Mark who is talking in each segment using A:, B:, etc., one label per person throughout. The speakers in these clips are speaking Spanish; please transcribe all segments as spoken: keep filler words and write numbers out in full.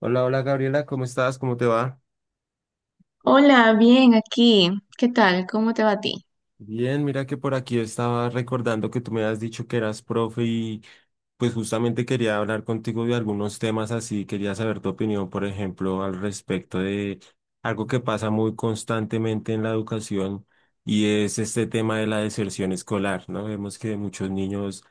A: Hola, hola Gabriela, cómo estás, cómo te va.
B: Hola, bien aquí. ¿Qué tal? ¿Cómo te va a ti?
A: Bien, mira que por aquí estaba recordando que tú me has dicho que eras profe y pues justamente quería hablar contigo de algunos temas así, quería saber tu opinión, por ejemplo, al respecto de algo que pasa muy constantemente en la educación y es este tema de la deserción escolar, ¿no? Vemos que muchos niños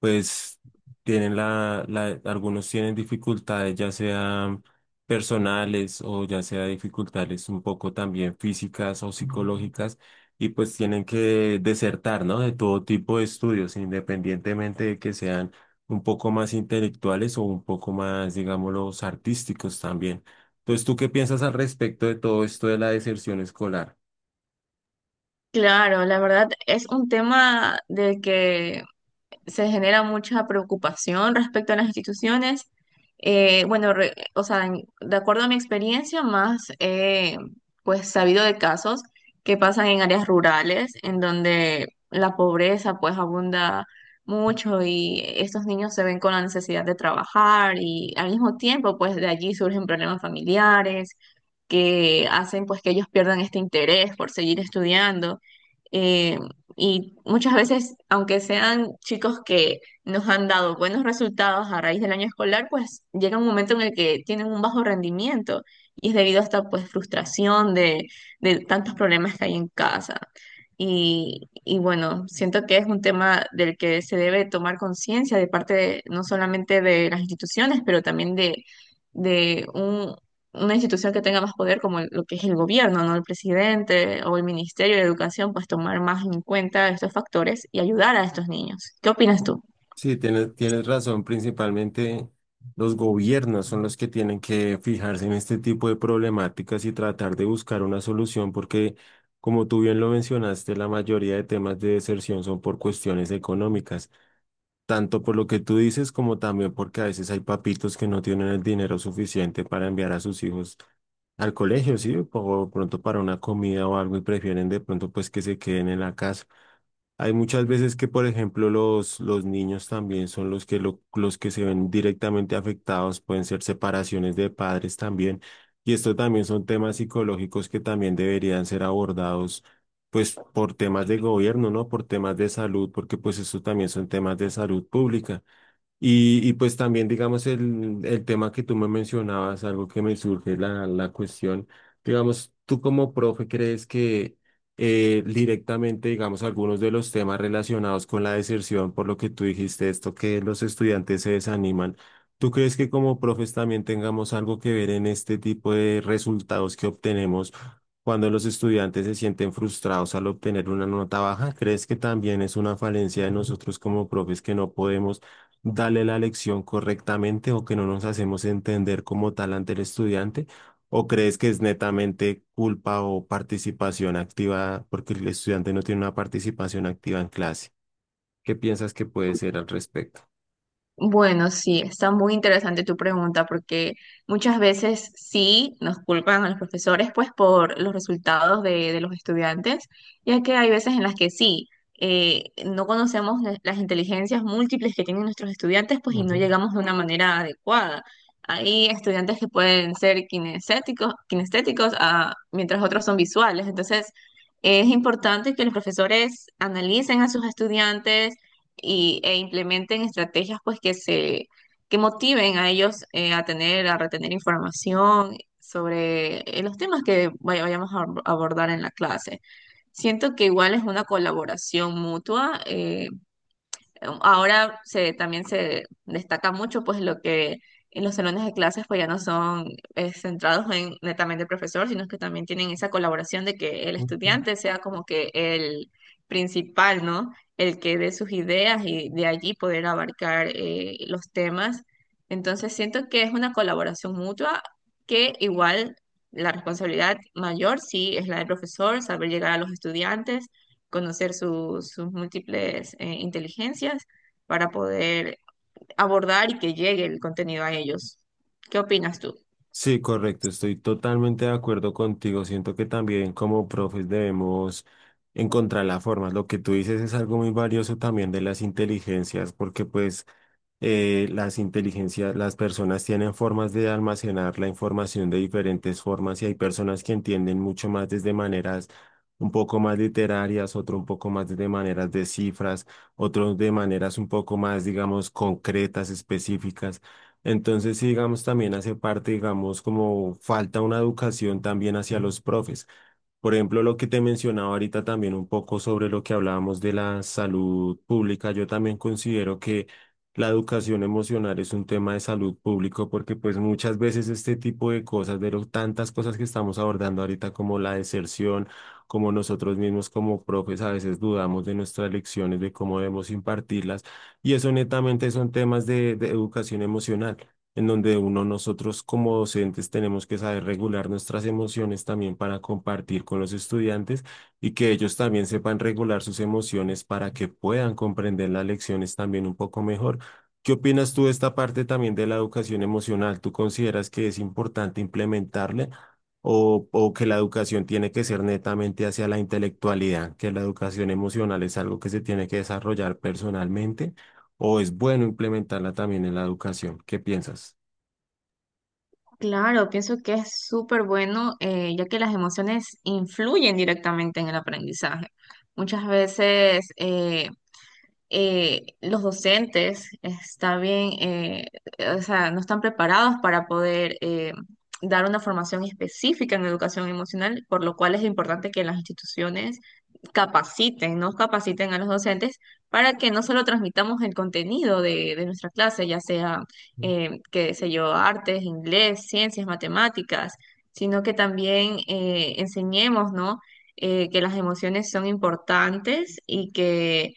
A: pues tienen la, la, algunos tienen dificultades, ya sean personales o ya sea dificultades un poco también físicas o psicológicas y pues tienen que desertar, ¿no? De todo tipo de estudios, independientemente de que sean un poco más intelectuales o un poco más, digámoslo, artísticos también. Entonces, ¿tú qué piensas al respecto de todo esto de la deserción escolar?
B: Claro, la verdad es un tema del que se genera mucha preocupación respecto a las instituciones. Eh, bueno, re- o sea, en- de acuerdo a mi experiencia, más he, pues sabido de casos que pasan en áreas rurales, en donde la pobreza pues abunda mucho, y estos niños se ven con la necesidad de trabajar y, al mismo tiempo, pues de allí surgen problemas familiares que hacen pues que ellos pierdan este interés por seguir estudiando. Eh, y muchas veces, aunque sean chicos que nos han dado buenos resultados a raíz del año escolar, pues llega un momento en el que tienen un bajo rendimiento, y es debido a esta pues frustración de, de tantos problemas que hay en casa. Y, y bueno, siento que es un tema del que se debe tomar conciencia de parte de- no solamente de las instituciones, pero también de, de una institución que tenga más poder como el- lo que es el gobierno, ¿no? El presidente o el Ministerio de Educación, pues tomar más en cuenta estos factores y ayudar a estos niños. ¿Qué opinas tú?
A: Sí, tienes, tienes razón, principalmente los gobiernos son los que tienen que fijarse en este tipo de problemáticas y tratar de buscar una solución porque... Como tú bien lo mencionaste, la mayoría de temas de deserción son por cuestiones económicas. Tanto por lo que tú dices como también porque a veces hay papitos que no tienen el dinero suficiente para enviar a sus hijos al colegio, ¿sí? O pronto para una comida o algo y prefieren de pronto pues que se queden en la casa. Hay muchas veces que, por ejemplo, los, los niños también son los que, lo- los que se ven directamente afectados, pueden ser separaciones de padres también, y esto también son temas psicológicos que también deberían ser abordados, pues, por temas de gobierno, ¿no? Por temas de salud, porque pues esto también son temas de salud pública. Y, y pues también, digamos, el, el tema que tú me mencionabas, algo que me surge la, la cuestión, digamos, tú como profe, ¿crees que eh, directamente, digamos, algunos de los temas relacionados con la deserción, por lo que tú dijiste esto, que los estudiantes se desaniman, ¿tú crees que como profes también tengamos algo que ver en este tipo de resultados que obtenemos cuando los estudiantes se sienten frustrados al obtener una nota baja? ¿Crees que también es una falencia de nosotros como profes que no podemos darle la lección correctamente o que no nos hacemos entender como tal ante el estudiante? ¿O crees que es netamente culpa o participación activa porque el estudiante no tiene una participación activa en clase? ¿Qué piensas que puede ser al respecto?
B: Bueno, sí, está muy interesante tu pregunta, porque muchas veces sí nos culpan a los profesores pues por los resultados de, de los estudiantes, ya que hay veces en las que sí, eh, no conocemos la- las inteligencias múltiples que tienen nuestros estudiantes, pues, y no
A: Ujú,
B: llegamos de una manera adecuada. Hay estudiantes que pueden ser kinestéticos, kinestéticos, ah, mientras otros son visuales. Entonces es importante que los profesores analicen a sus estudiantes y, e implementen estrategias pues que se que motiven a ellos eh, a tener, a retener información sobre eh, los temas que vay- vayamos a ab- abordar en la clase. Siento que igual es una colaboración mutua. eh, em, Ahora se, también se destaca mucho pues lo que en los salones de clases pues ya no son eh, centrados en netamente el profesor, sino que también tienen esa colaboración de que el
A: ujú.
B: estudiante sea como que el principal, ¿no? El que dé sus ideas y de allí poder abarcar eh, los temas. Entonces siento que es una colaboración mutua, que igual la responsabilidad mayor sí es la del profesor: saber llegar a los estudiantes, conocer su- sus múltiples eh, inteligencias para poder abordar y que llegue el contenido a ellos. ¿Qué opinas tú?
A: Sí, correcto, estoy totalmente de acuerdo contigo. Siento que también como profes debemos encontrar la forma. Lo que tú dices es algo muy valioso también de las inteligencias, porque pues eh, las inteligencias, las personas tienen formas de almacenar la información de diferentes formas y hay personas que entienden mucho más desde maneras un poco más literarias, otro un poco más de maneras de cifras, otros de maneras un poco más, digamos, concretas, específicas. Entonces, sí, digamos, también hace parte, digamos, como falta una educación también hacia los profes. Por ejemplo, lo que te mencionaba ahorita también un poco sobre lo que hablábamos de la salud pública, yo también considero que la educación emocional es un tema de salud pública porque pues muchas veces este tipo de cosas, de lo- tantas cosas que estamos abordando ahorita como la deserción, como nosotros mismos como profes a veces dudamos de nuestras lecciones, de cómo debemos impartirlas y eso netamente son temas de de educación emocional en donde uno, nosotros como docentes tenemos que saber regular nuestras emociones también para compartir con los estudiantes y que ellos también sepan regular sus emociones para que puedan comprender las lecciones también un poco mejor. ¿Qué opinas tú de esta parte también de la educación emocional? ¿Tú consideras que es importante implementarle o, o que la educación tiene que ser netamente hacia la intelectualidad, que la educación emocional es algo que se tiene que desarrollar personalmente? ¿O es bueno implementarla también en la educación? ¿Qué piensas?
B: Claro, pienso que es súper bueno, eh, ya que las emociones influyen directamente en el aprendizaje. Muchas veces eh, eh, los docentes está bien, eh, o sea, no están preparados para poder eh, dar una formación específica en educación emocional, por lo cual es importante que las instituciones capaciten, nos capaciten a los docentes para que no solo transmitamos el contenido de, de nuestra clase, ya sea,
A: Ujú.
B: eh, qué sé yo, artes, inglés, ciencias, matemáticas, sino que también eh, enseñemos, ¿no? Eh, que las emociones son importantes y que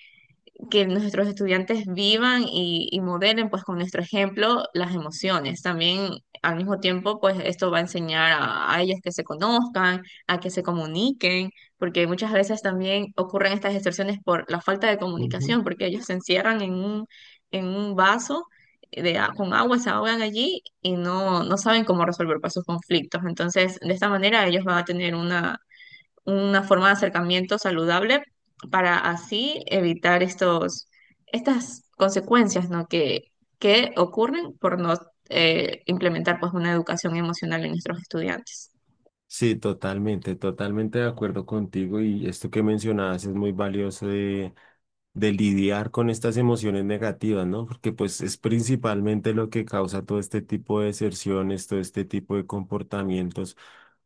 B: que nuestros estudiantes vivan y, y modelen pues con nuestro ejemplo las emociones. También, al mismo tiempo, pues esto va a enseñar a, a ellos que se conozcan, a que se comuniquen, porque muchas veces también ocurren estas distorsiones por la falta de comunicación, porque ellos se encierran en un, en un vaso de, a- con agua, se ahogan allí y no, no saben cómo resolver pues sus conflictos. Entonces, de esta manera, ellos van a tener una forma de acercamiento saludable para así evitar estos, estas consecuencias, ¿no? que, que ocurren por no eh, implementar pues una educación emocional en nuestros estudiantes.
A: Sí, totalmente, totalmente de acuerdo contigo y esto que mencionabas es muy valioso de, de lidiar con estas emociones negativas, ¿no? Porque pues es principalmente lo que causa todo este tipo de deserciones, todo este tipo de comportamientos.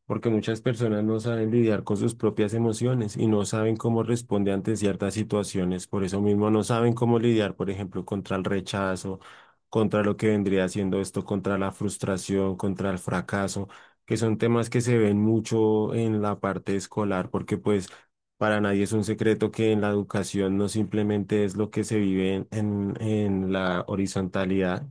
A: Porque muchas personas no saben lidiar con sus propias emociones y no saben cómo responde ante ciertas situaciones. Por eso mismo no saben cómo lidiar, por ejemplo, contra el rechazo, contra lo que vendría siendo esto, contra la frustración, contra el fracaso, que son temas que se ven mucho en la parte escolar, porque pues para nadie es un secreto que en la educación no simplemente es lo que se vive en, en en la horizontalidad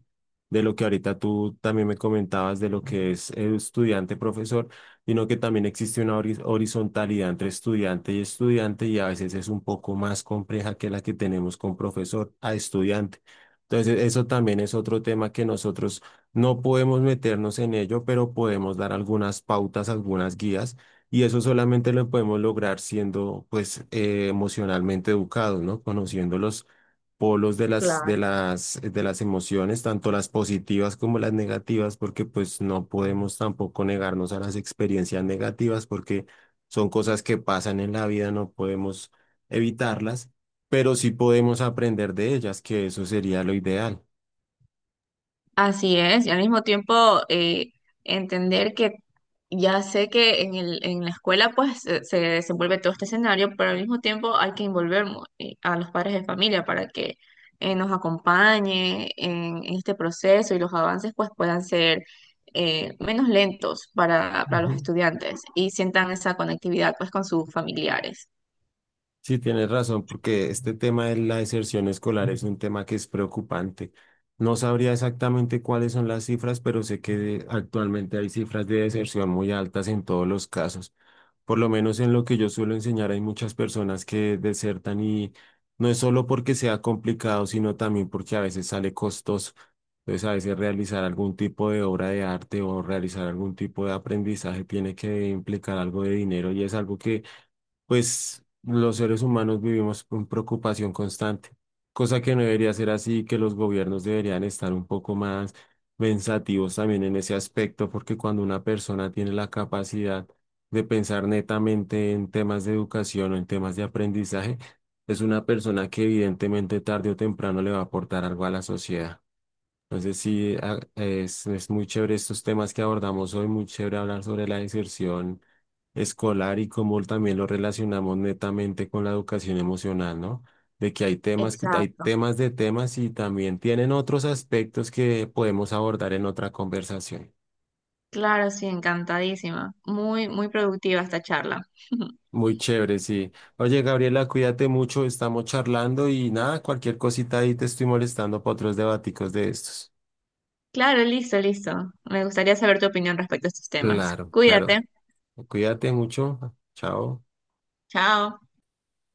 A: de lo que ahorita tú también me comentabas de lo que es estudiante-profesor, sino que también existe una horiz- horizontalidad entre estudiante y estudiante y a veces es un poco más compleja que la que tenemos con profesor a estudiante. Entonces, eso también es otro tema que nosotros no podemos meternos en ello, pero podemos dar algunas pautas, algunas guías, y eso solamente lo podemos lograr siendo, pues, eh, emocionalmente educados, ¿no? Conociendo los polos de las, de
B: Claro.
A: las, de las emociones, tanto las positivas como las negativas, porque pues no podemos tampoco negarnos a las experiencias negativas, porque son cosas que pasan en la vida, no podemos evitarlas, pero sí podemos aprender de ellas, que eso sería lo ideal.
B: Así es, y al mismo tiempo eh, entender que ya sé que en el, en la escuela pues se, se desenvuelve todo este escenario, pero al mismo tiempo hay que involucrar a los padres de familia para que eh, nos acompañe en, en este proceso, y los avances pues puedan ser eh, menos lentos para, para los
A: Ujú.
B: estudiantes, y sientan esa conectividad pues con sus familiares.
A: Sí, tienes razón, porque este tema de la deserción escolar es un tema que es preocupante. No sabría exactamente cuáles son las cifras, pero sé que actualmente hay cifras de deserción muy altas en todos los casos. Por lo menos en lo que yo suelo enseñar hay muchas personas que desertan y no es solo porque sea complicado, sino también porque a veces sale costoso. Entonces, a veces realizar algún tipo de obra de arte o realizar algún tipo de aprendizaje tiene que implicar algo de dinero y es algo que pues los seres humanos vivimos con preocupación constante, cosa que no debería ser así, que los gobiernos deberían estar un poco más pensativos también en ese aspecto, porque cuando una persona tiene la capacidad de pensar netamente en temas de educación o en temas de aprendizaje, es una persona que evidentemente tarde o temprano le va a aportar algo a la sociedad. Entonces sí, a- es, es muy chévere estos temas que abordamos hoy, muy chévere hablar sobre la deserción escolar y cómo también lo relacionamos netamente con la educación emocional, ¿no? De que hay temas, que- hay
B: Exacto.
A: temas de temas y también tienen otros aspectos que podemos abordar en otra conversación.
B: Claro, sí, encantadísima. Muy, muy productiva esta charla.
A: Muy chévere, sí. Oye, Gabriela, cuídate mucho, estamos charlando y nada, cualquier cosita ahí te estoy molestando para otros debaticos de estos.
B: Claro, listo, listo. Me gustaría saber tu opinión respecto a estos temas.
A: Claro, claro.
B: Cuídate.
A: Cuídate mucho. Chao.
B: Chao.